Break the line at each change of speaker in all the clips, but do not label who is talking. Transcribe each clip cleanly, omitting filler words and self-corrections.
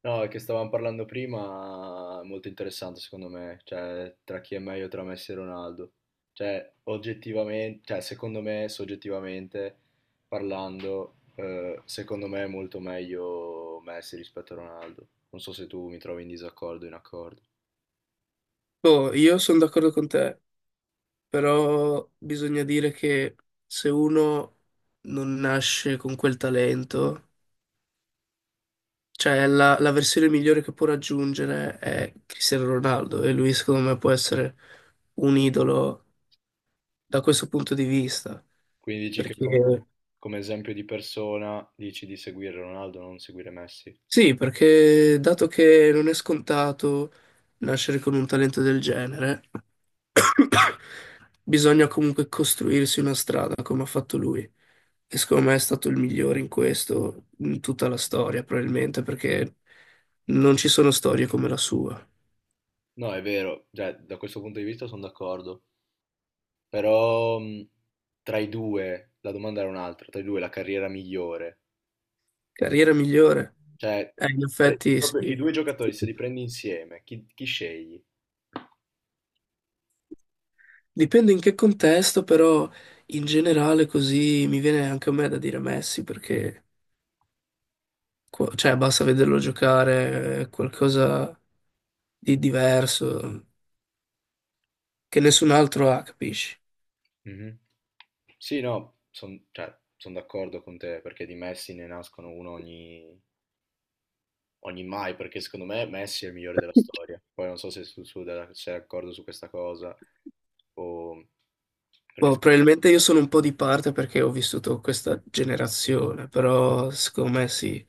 No, è che stavamo parlando prima, molto interessante secondo me, cioè tra chi è meglio tra Messi e Ronaldo. Cioè, oggettivamente, cioè secondo me, soggettivamente parlando, secondo me è molto meglio Messi rispetto a Ronaldo. Non so se tu mi trovi in disaccordo o in accordo.
Boh, io sono d'accordo con te, però bisogna dire che se uno non nasce con quel talento, cioè la versione migliore che può raggiungere è Cristiano Ronaldo, e lui secondo me può essere un idolo da questo punto di vista,
Quindi dici che come,
perché...
come esempio di persona dici di seguire Ronaldo, non seguire Messi.
Sì, perché dato che non è scontato nascere con un talento del genere, bisogna comunque costruirsi una strada come ha fatto lui. E secondo me è stato il migliore in questo, in tutta la storia, probabilmente, perché non ci sono storie come la sua.
No, è vero, cioè, da questo punto di vista sono d'accordo. Però tra i due, la domanda era un'altra, tra i due la carriera migliore.
Carriera migliore?
Cioè,
In
tra-
effetti
proprio i
sì.
due giocatori, se li prendi insieme, chi, chi scegli?
Dipende in che contesto, però in generale così mi viene anche a me da dire Messi, perché... Cioè, basta vederlo giocare, è qualcosa di diverso che nessun altro ha, capisci?
Mhm. Sì, no, sono d'accordo con te, perché di Messi ne nascono uno ogni, ogni mai, perché secondo me Messi è il migliore della storia. Poi non so se sei d'accordo su questa cosa, o... perché
Boh, probabilmente io sono un po' di parte perché ho vissuto questa generazione, però secondo me sì.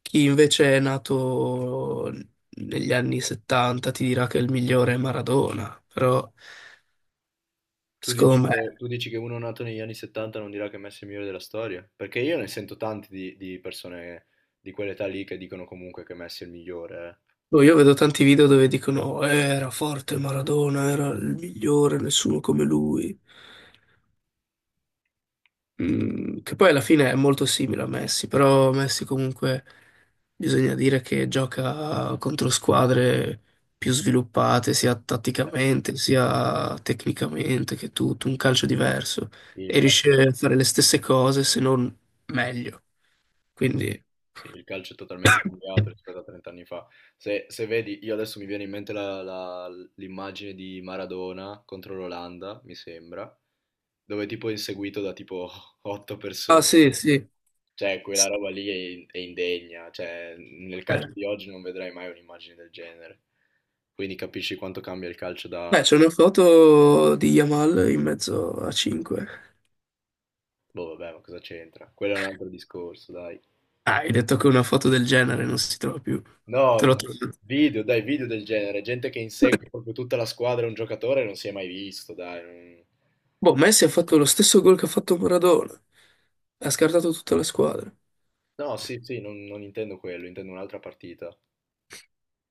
Chi invece è nato negli anni 70 ti dirà che il migliore è Maradona, però
tu dici
secondo me...
che, tu dici che uno nato negli anni 70 non dirà che Messi è il migliore della storia? Perché io ne sento tanti di persone di quell'età lì che dicono comunque che Messi è il migliore.
Boh, io vedo tanti video dove dicono era forte Maradona, era il migliore, nessuno come lui". Mm, che poi alla fine è molto simile a Messi, però Messi comunque bisogna dire che gioca contro squadre più sviluppate sia
Eh,
tatticamente sia tecnicamente, che tutto un calcio diverso,
sì, il
e
calcio,
riesce a fare le stesse cose se non meglio. Quindi
sì, il calcio è totalmente cambiato rispetto a 30 anni fa. Se, se vedi, io adesso mi viene in mente l'immagine di Maradona contro l'Olanda, mi sembra, dove tipo è inseguito da tipo 8
ah
persone.
sì, sì.
Cioè, quella roba lì è, è indegna, cioè, nel
Eh.
calcio di oggi non vedrai mai un'immagine del genere. Quindi capisci quanto cambia il calcio
Beh,
da...
c'è una foto di Yamal in mezzo a 5.
Boh, vabbè, ma cosa c'entra? Quello è un altro discorso, dai.
Ah, hai detto che una foto del genere non si trova più.
No,
Te l'ho
no.
trovato.
Video, dai, video del genere. Gente che insegue proprio tutta la squadra e un giocatore non si è mai visto, dai. non-
Boh, Messi ha fatto lo stesso gol che ha fatto Maradona. Ha scartato tutta la squadra.
No, sì, sì, non, non intendo quello, intendo un'altra partita.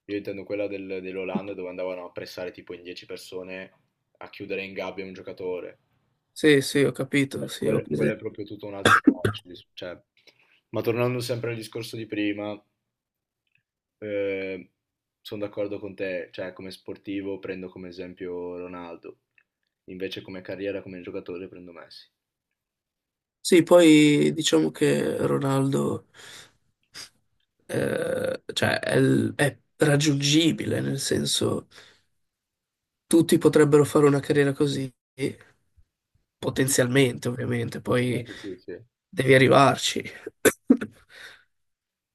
Io intendo quella dell'Olanda dove andavano a pressare tipo in 10 persone a chiudere in gabbia un giocatore.
Sì, sì, ho capito, sì, ho
Quello è
presente.
proprio tutto un altro calcio. Cioè. Ma tornando sempre al discorso di prima, sono d'accordo con te, cioè come sportivo prendo come esempio Ronaldo, invece come carriera, come giocatore prendo Messi.
Sì, poi diciamo che Ronaldo, cioè, è, è raggiungibile, nel senso tutti potrebbero fare una carriera così,
Sì,
potenzialmente ovviamente, poi
potenzialmente sì, sì.
devi arrivarci.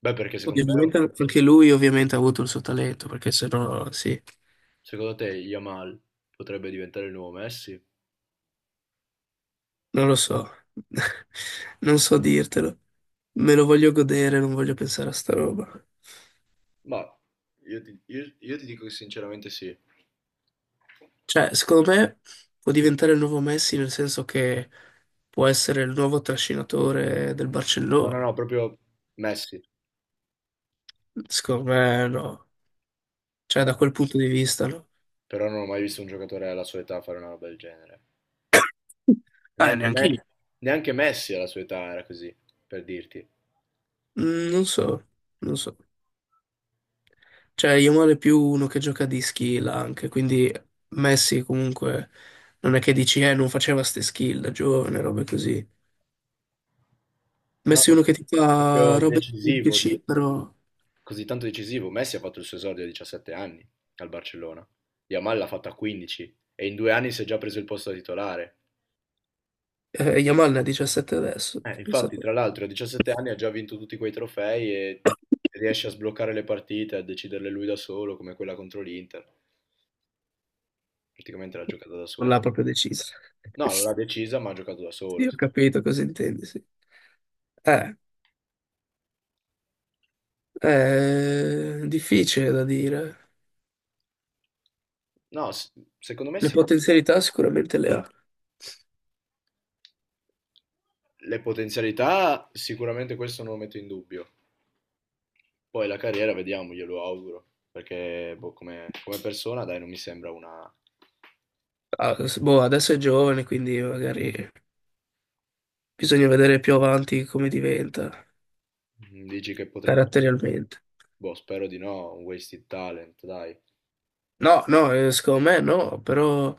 Beh, perché secondo me,
Ovviamente anche lui ovviamente ha avuto il suo talento, perché sennò sì.
secondo te Yamal potrebbe diventare il nuovo Messi?
Non lo so, non so dirtelo. Me lo voglio godere, non voglio pensare a sta roba.
Ma io ti dico che sinceramente sì.
Cioè, secondo me può diventare il nuovo Messi, nel senso che può essere il nuovo trascinatore del
No, no,
Barcellona.
no, proprio Messi.
Secondo me no. Cioè, da
Beh,
quel punto di vista no.
però non ho mai visto un giocatore alla sua età fare una roba del genere.
Ah,
Neanche
neanche io.
me, neanche Messi alla sua età era così, per dirti.
Mm, non so, non so. Cioè, Yamal è più uno che gioca di skill anche, quindi Messi comunque non è che dici, non faceva ste skill da giovane, robe così.
No,
Messi
no,
uno che ti fa
proprio
robe di
decisivo,
PC, però
così tanto decisivo. Messi ha fatto il suo esordio a 17 anni al Barcellona. Yamal l'ha fatta a 15 e in due anni si è già preso il posto da titolare.
Yamal ne ha 17 adesso.
Infatti,
Pensate.
tra l'altro, a 17 anni ha già vinto tutti quei trofei e riesce a sbloccare le partite, a deciderle lui da solo, come quella contro l'Inter. Praticamente l'ha giocata da
Non l'ha
solo.
proprio deciso.
No, non l'ha decisa, ma ha giocato da
Sì,
solo.
ho capito cosa intendi, sì. Eh, è difficile da dire.
No, secondo me
Le
sì.
potenzialità sicuramente le ha.
Le potenzialità, sicuramente questo non lo metto in dubbio. Poi la carriera, vediamo, glielo auguro. Perché boh, come, come persona, dai, non mi sembra una...
Ah, boh, adesso è giovane, quindi magari bisogna vedere più avanti come diventa
Mm, dici che potrebbe...
caratterialmente.
Boh, spero di no, un wasted talent, dai.
No, no, secondo me no, però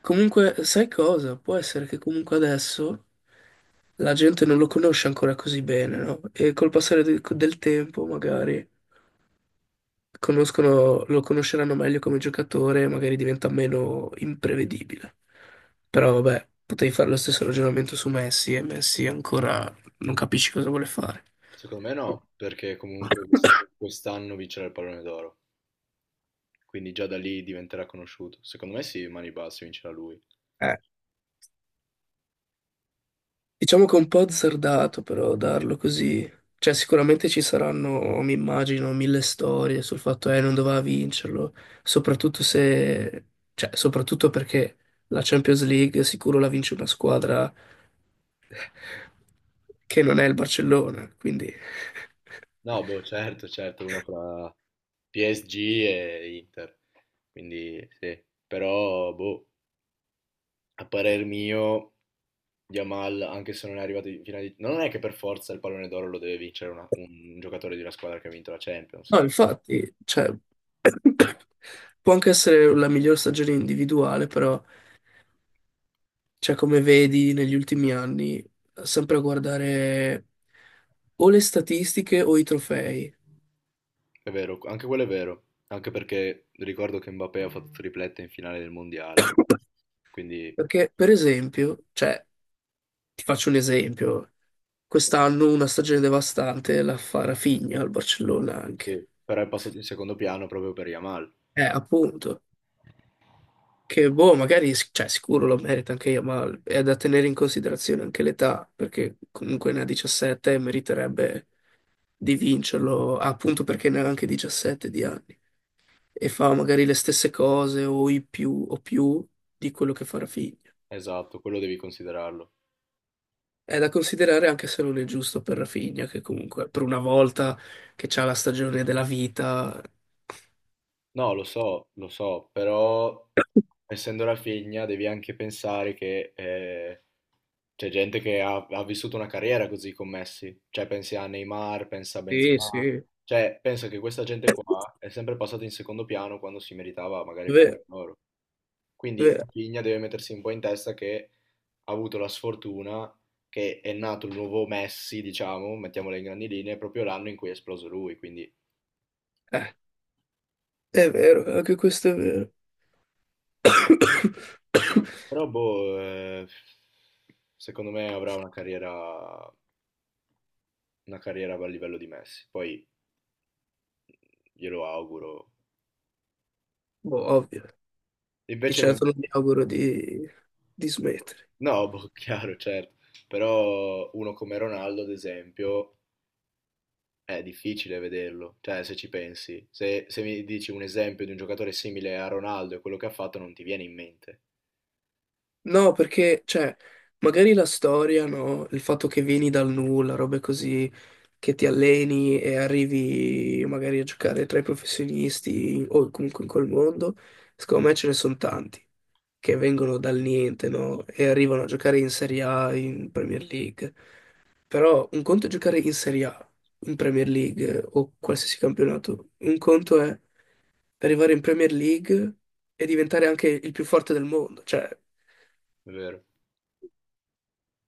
comunque sai cosa? Può essere che comunque adesso la gente non lo conosce ancora così bene, no? E col passare del tempo, magari lo conosceranno meglio come giocatore, magari diventa meno imprevedibile. Però vabbè, potevi fare lo stesso ragionamento su Messi, e Messi ancora non capisci cosa vuole fare.
Secondo me no, perché comunque quest'anno vincerà il pallone d'oro. Quindi già da lì diventerà conosciuto. Secondo me sì, mani basse, vincerà lui.
Eh. Diciamo che è un po' azzardato però darlo così. Cioè, sicuramente ci saranno, mi immagino, mille storie sul fatto che non doveva vincerlo, soprattutto se, cioè, soprattutto perché la Champions League sicuro la vince una squadra che non è il Barcellona, quindi
No, boh, certo, certo, una fra PSG e Inter. Quindi sì, però boh, a parer mio, Yamal, anche se non è arrivato in finale di... No, non è che per forza il pallone d'oro lo deve vincere un giocatore di una squadra che ha vinto la Champions,
no,
eh.
infatti, cioè, può anche essere la miglior stagione individuale, però cioè, come vedi negli ultimi anni, sempre a guardare o le statistiche o i trofei.
È vero, anche quello è vero, anche perché ricordo che Mbappé ha fatto triplette in finale del Mondiale, quindi
Perché, per esempio, cioè, ti faccio un esempio, quest'anno una stagione devastante la fa Rafinha al Barcellona
sì,
anche.
però è passato in secondo piano proprio per Yamal.
Appunto, che boh, magari, cioè, sicuro lo merita anche io, ma è da tenere in considerazione anche l'età, perché comunque ne ha 17 e meriterebbe di vincerlo, appunto perché ne ha anche 17 di anni. E fa magari le stesse cose o i più o più di quello che fa Rafinha.
Esatto, quello devi considerarlo.
È da considerare anche se non è giusto per Rafinha, che comunque per una volta che c'ha la stagione della vita.
No, lo so, però essendo la figlia devi anche pensare che c'è gente che ha, ha vissuto una carriera così con Messi, cioè pensi a Neymar, pensa a
Sì,
Benzema,
sì, è
cioè penso che questa gente qua è sempre passata in secondo piano quando si meritava magari il pallone
vero,
d'oro.
è
Quindi
vero.
Rafinha deve mettersi un po' in testa che ha avuto la sfortuna che è nato il nuovo Messi, diciamo, mettiamola in grandi linee, proprio l'anno in cui è esploso lui, quindi...
Eh, è vero, anche questo è vero.
Però boh, secondo me avrà una carriera a livello di Messi, poi glielo auguro.
Boh, ovvio. Di
Invece un...
certo non mi auguro di smettere.
No, boh, chiaro, certo. Però uno come Ronaldo, ad esempio, è difficile vederlo. Cioè, se ci pensi, se, se mi dici un esempio di un giocatore simile a Ronaldo e quello che ha fatto, non ti viene in mente,
No, perché, cioè, magari la storia, no? Il fatto che vieni dal nulla, robe così, che ti alleni e arrivi magari a giocare tra i professionisti o comunque in quel mondo, secondo me ce ne sono tanti che vengono dal niente, no? E arrivano a giocare in Serie A, in Premier League. Però un conto è giocare in Serie A, in Premier League o qualsiasi campionato, un conto è arrivare in Premier League e diventare anche il più forte del mondo, cioè...
è vero?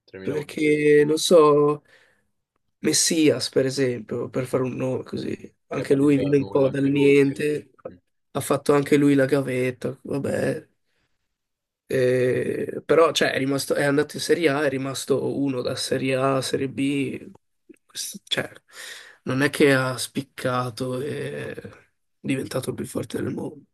3000 volte più
Perché, non
difficile.
so, Messias, per esempio, per fare un nome così,
Che è
anche lui
partito
viene
dal
un po'
nulla
dal
anche lui, sì.
niente,
Mm.
ha fatto anche lui la gavetta, vabbè. Però, cioè, è rimasto, è andato in Serie A, è rimasto uno da Serie A a Serie B, cioè, non è che ha spiccato e è diventato il più forte del mondo.